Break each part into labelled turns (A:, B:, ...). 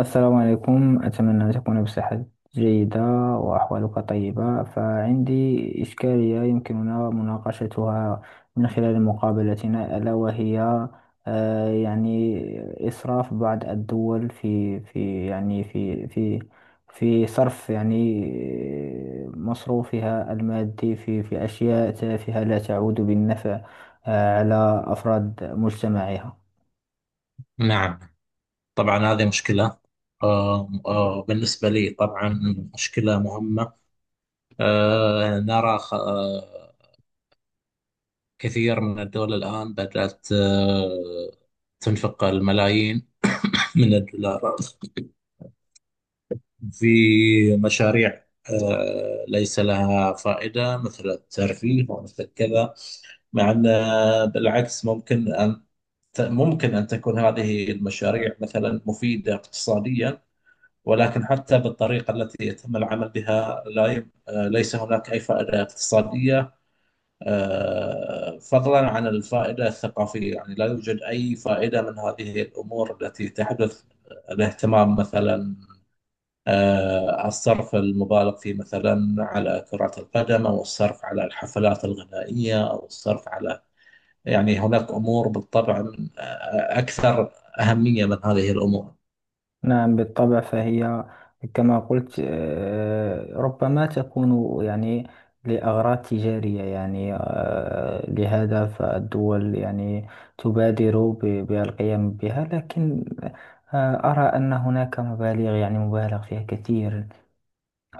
A: السلام عليكم، أتمنى أن تكون بصحة جيدة وأحوالك طيبة. فعندي إشكالية يمكننا مناقشتها من خلال مقابلتنا، ألا وهي يعني إسراف بعض الدول في يعني في في صرف، يعني مصروفها المادي في أشياء تافهة لا تعود بالنفع على أفراد مجتمعها.
B: نعم. طبعا هذه مشكلة. بالنسبة لي طبعا مشكلة مهمة. نرى كثير من الدول الآن بدأت تنفق الملايين من الدولارات في مشاريع ليس لها فائدة، مثل الترفيه ومثل كذا، مع أن بالعكس ممكن أن، ممكن أن تكون هذه المشاريع مثلا مفيدة اقتصاديا، ولكن حتى بالطريقة التي يتم العمل بها لا يم... آه، ليس هناك أي فائدة اقتصادية، فضلا عن الفائدة الثقافية، يعني لا يوجد أي فائدة من هذه الأمور التي تحدث. الاهتمام مثلا الصرف المبالغ فيه مثلا على كرة القدم، أو الصرف على الحفلات الغنائية، أو الصرف على، يعني هناك أمور بالطبع أكثر أهمية من هذه الأمور.
A: نعم، بالطبع. فهي كما قلت ربما تكون يعني لأغراض تجارية، يعني لهذا فالدول يعني تبادر ب- بالقيام بها. لكن أرى أن هناك مبالغ، يعني مبالغ فيها كثير.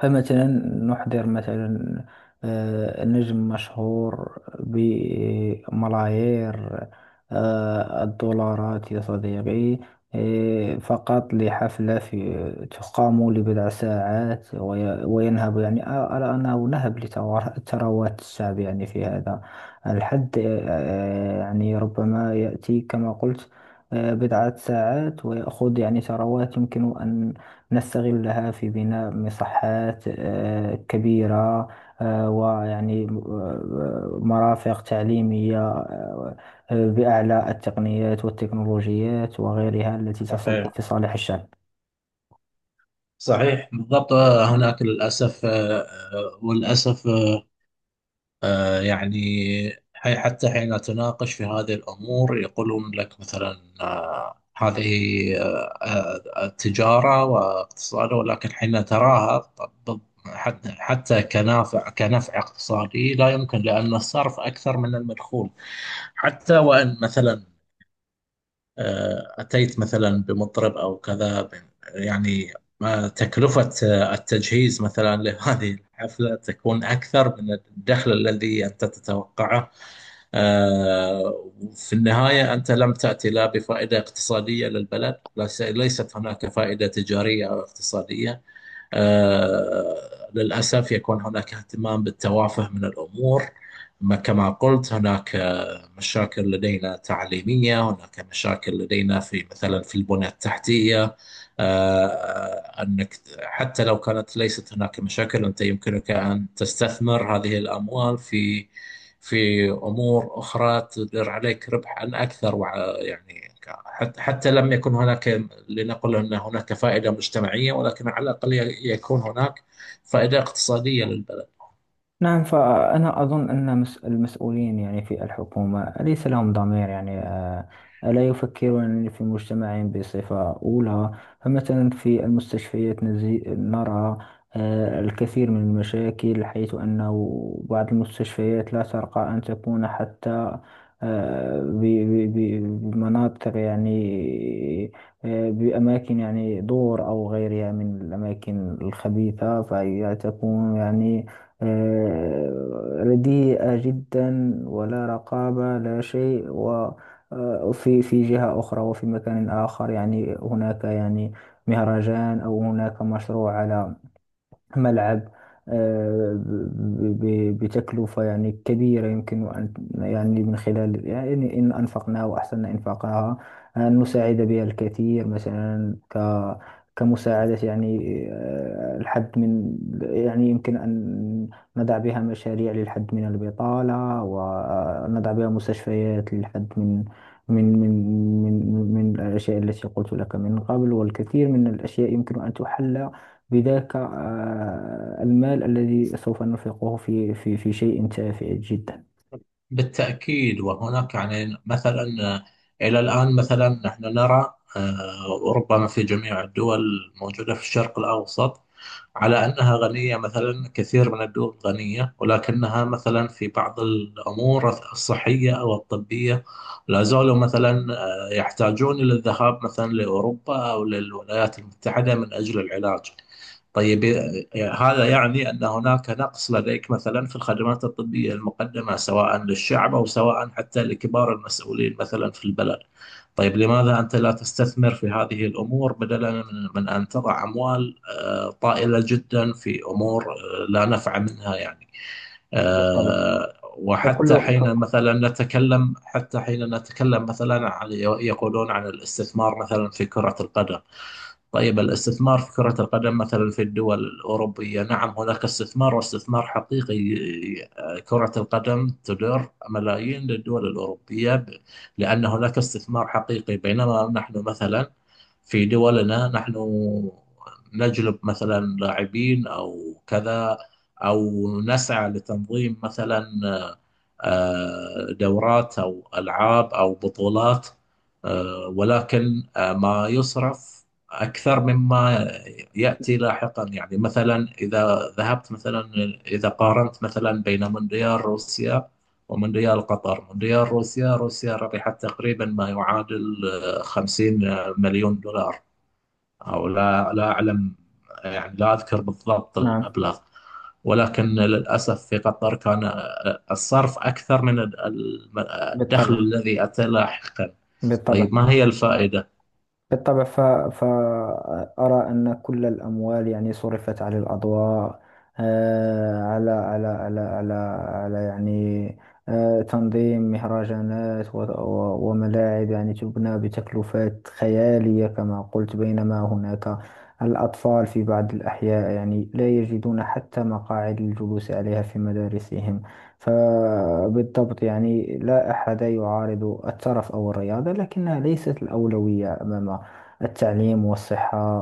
A: فمثلا نحضر مثلا نجم مشهور بملايير الدولارات يا صديقي، فقط لحفلة في تقام لبضع ساعات وينهب، يعني أرى أنه نهب ثروات الشعب يعني في هذا الحد. يعني ربما يأتي كما قلت بضعة ساعات ويأخذ يعني ثروات يمكن أن نستغلها في بناء مصحات كبيرة، ويعني مرافق تعليمية بأعلى التقنيات والتكنولوجيات وغيرها التي تصب
B: صح،
A: في صالح الشعب.
B: صحيح بالضبط. هناك للأسف وللأسف يعني حتى حين تناقش في هذه الأمور يقولون لك مثلا هذه التجارة واقتصاد، ولكن حين تراها حتى كنفع اقتصادي لا يمكن، لأن الصرف أكثر من المدخول. حتى وإن مثلا أتيت مثلا بمطرب أو كذا، يعني ما تكلفة التجهيز مثلا لهذه الحفلة تكون أكثر من الدخل الذي أنت تتوقعه. آه، وفي النهاية أنت لم تأتي لا بفائدة اقتصادية للبلد، ليست هناك فائدة تجارية أو اقتصادية. آه، للأسف يكون هناك اهتمام بالتوافه من الأمور. كما قلت هناك مشاكل لدينا تعليمية، هناك مشاكل لدينا في مثلا في البنية التحتية. أنك حتى لو كانت ليست هناك مشاكل، أنت يمكنك أن تستثمر هذه الأموال في أمور أخرى تدر عليك ربحا أكثر، يعني حتى لم يكن هناك، لنقل أن هناك فائدة مجتمعية، ولكن على الأقل يكون هناك فائدة اقتصادية للبلد.
A: نعم. فأنا أظن أن المسؤولين يعني في الحكومة ليس لهم ضمير، يعني لا يفكرون في مجتمعهم بصفة أولى. فمثلا في المستشفيات نرى الكثير من المشاكل، حيث أنه بعض المستشفيات لا ترقى أن تكون حتى بمناطق، يعني بأماكن يعني دور أو غيرها من الأماكن الخبيثة. فهي تكون يعني رديئة جدا، ولا رقابة لا شيء. و في جهة أخرى وفي مكان آخر يعني هناك يعني مهرجان أو هناك مشروع على ملعب بتكلفة يعني كبيرة، يمكن أن يعني من خلال، يعني إن أنفقناها وأحسننا إنفاقها أن نساعد بها الكثير، مثلا كمساعدة يعني الحد من، يعني يمكن أن نضع بها مشاريع للحد من البطالة، ونضع بها مستشفيات للحد من من من الأشياء التي قلت لك من قبل، والكثير من الأشياء يمكن أن تحل بذاك المال الذي سوف ننفقه في شيء تافه جدا.
B: بالتأكيد. وهناك يعني مثلا إلى الآن مثلا نحن نرى وربما في جميع الدول الموجودة في الشرق الأوسط على أنها غنية، مثلا كثير من الدول غنية ولكنها مثلا في بعض الأمور الصحية أو الطبية لا زالوا مثلا يحتاجون إلى الذهاب مثلا لأوروبا أو للولايات المتحدة من أجل العلاج. طيب. هذا يعني أن هناك نقص لديك مثلا في الخدمات الطبية المقدمة، سواء للشعب أو سواء حتى لكبار المسؤولين مثلا في البلد. طيب، لماذا أنت لا تستثمر في هذه الأمور بدلا من أن تضع أموال طائلة جدا في أمور لا نفع منها، يعني
A: بالطبع.
B: وحتى
A: فكل
B: حين
A: ف-
B: مثلا نتكلم حتى حين نتكلم مثلا عن، يقولون عن الاستثمار مثلا في كرة القدم. طيب، الاستثمار في كرة القدم مثلا في الدول الأوروبية، نعم هناك استثمار واستثمار حقيقي. كرة القدم تدر ملايين للدول الأوروبية، لأن هناك استثمار حقيقي، بينما نحن مثلا في دولنا نحن نجلب مثلا لاعبين أو كذا، أو نسعى لتنظيم مثلا دورات أو ألعاب أو بطولات. ولكن ما يصرف أكثر مما يأتي لاحقا. يعني مثلا إذا ذهبت مثلا، إذا قارنت مثلا بين مونديال روسيا ومونديال قطر، مونديال روسيا، روسيا ربحت تقريبا ما يعادل 50 مليون دولار، أو لا أعلم، يعني لا أذكر بالضبط
A: نعم،
B: المبلغ. ولكن للأسف في قطر كان الصرف أكثر من الدخل
A: بالطبع،
B: الذي أتى لاحقا.
A: بالطبع،
B: طيب، ما هي الفائدة؟
A: بالطبع. فأرى أن كل الأموال يعني صرفت على الأضواء، آه، على على على على على يعني تنظيم مهرجانات، وملاعب يعني تبنى بتكلفات خيالية كما قلت، بينما هناك الأطفال في بعض الأحياء يعني لا يجدون حتى مقاعد للجلوس عليها في مدارسهم. فبالضبط، يعني لا أحد يعارض الترف أو الرياضة، لكنها ليست الأولوية. أمامها التعليم والصحة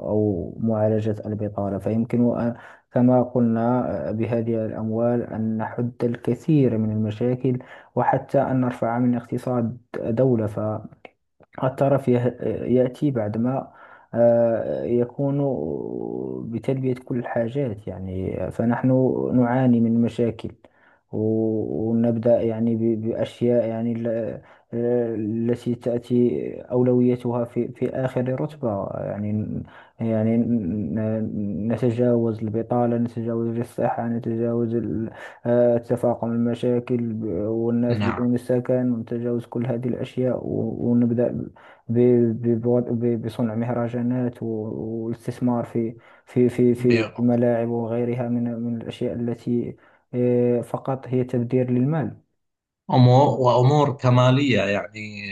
A: أو معالجة البطالة. كما قلنا، بهذه الأموال أن نحد الكثير من المشاكل، وحتى أن نرفع من اقتصاد دولة. الترف يأتي بعدما يكون بتلبية كل الحاجات. يعني فنحن نعاني من مشاكل، ونبدأ يعني بأشياء، يعني التي تأتي أولويتها في آخر رتبة، يعني يعني نتجاوز البطالة، نتجاوز الصحة، نتجاوز تفاقم المشاكل، والناس
B: نعم.
A: بدون السكن، ونتجاوز كل هذه الأشياء، ونبدأ بصنع مهرجانات، والاستثمار في في في
B: ب-
A: في الملاعب وغيرها من الأشياء التي فقط هي تبذير للمال.
B: أمو- وأمور كمالية، يعني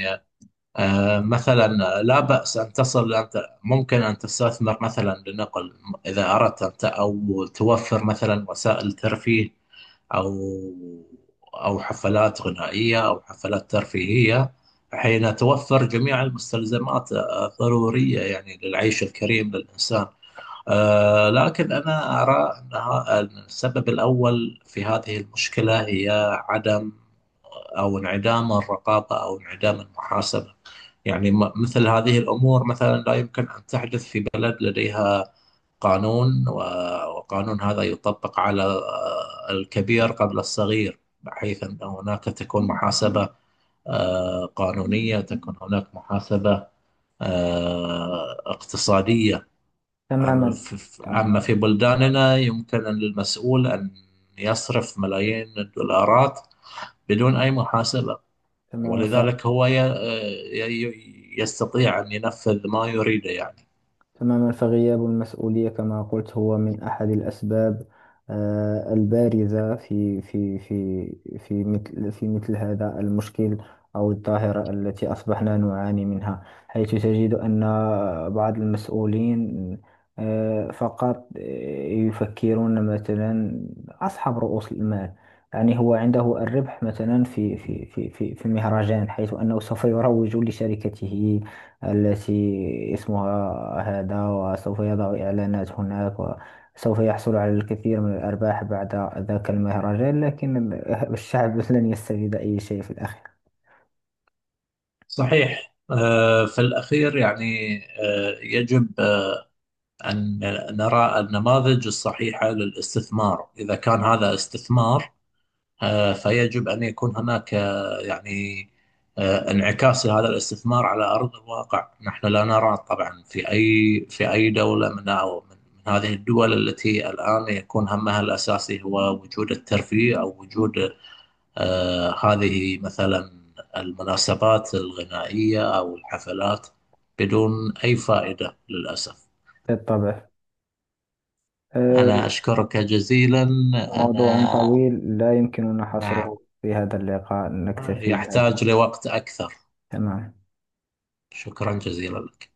B: مثلا لا بأس، أن تصل أنت، ممكن أن تستثمر مثلا، لنقل إذا أردت أنت، أو توفر مثلا وسائل ترفيه، أو أو حفلات غنائية أو حفلات ترفيهية حين توفر جميع المستلزمات الضرورية يعني للعيش الكريم للإنسان. لكن أنا أرى أنها أن السبب الأول في هذه المشكلة هي عدم، أو انعدام الرقابة، أو انعدام المحاسبة. يعني مثل هذه الأمور مثلا لا يمكن أن تحدث في بلد لديها قانون، وقانون هذا يطبق على الكبير قبل الصغير، بحيث أن هناك تكون محاسبة قانونية، تكون هناك محاسبة اقتصادية.
A: تماما.
B: أما في
A: تمام.
B: أما في بلداننا يمكن للمسؤول أن يصرف ملايين الدولارات بدون أي محاسبة،
A: تماما.
B: ولذلك هو يستطيع أن ينفذ ما يريده، يعني
A: تماما. فغياب المسؤولية كما قلت هو من أحد الأسباب البارزة في مثل هذا المشكل، أو الظاهرة التي أصبحنا نعاني منها، حيث تجد أن بعض المسؤولين آه، فقط آه، يفكرون مثلا أصحاب رؤوس المال، يعني هو عنده الربح مثلا في مهرجان، حيث أنه سوف يروج لشركته التي اسمها هذا، وسوف يضع إعلانات هناك، وسوف يحصل على الكثير من الأرباح بعد ذاك المهرجان. لكن الشعب لن يستفيد أي شيء في الأخير.
B: صحيح. في الأخير يعني يجب أن نرى النماذج الصحيحة للاستثمار. إذا كان هذا استثمار فيجب أن يكون هناك يعني انعكاس لهذا الاستثمار على أرض الواقع. نحن لا نرى طبعا في أي دولة من أو من من هذه الدول التي الآن يكون همها الأساسي هو وجود الترفيه، أو وجود هذه مثلا المناسبات الغنائية أو الحفلات، بدون أي فائدة للأسف.
A: بالطبع.
B: أنا
A: آه،
B: أشكرك جزيلا.
A: موضوع
B: أنا،
A: طويل لا يمكننا
B: نعم،
A: حصره في هذا اللقاء، نكتفي بهذا.
B: يحتاج لوقت أكثر.
A: تمام.
B: شكرا جزيلا لك.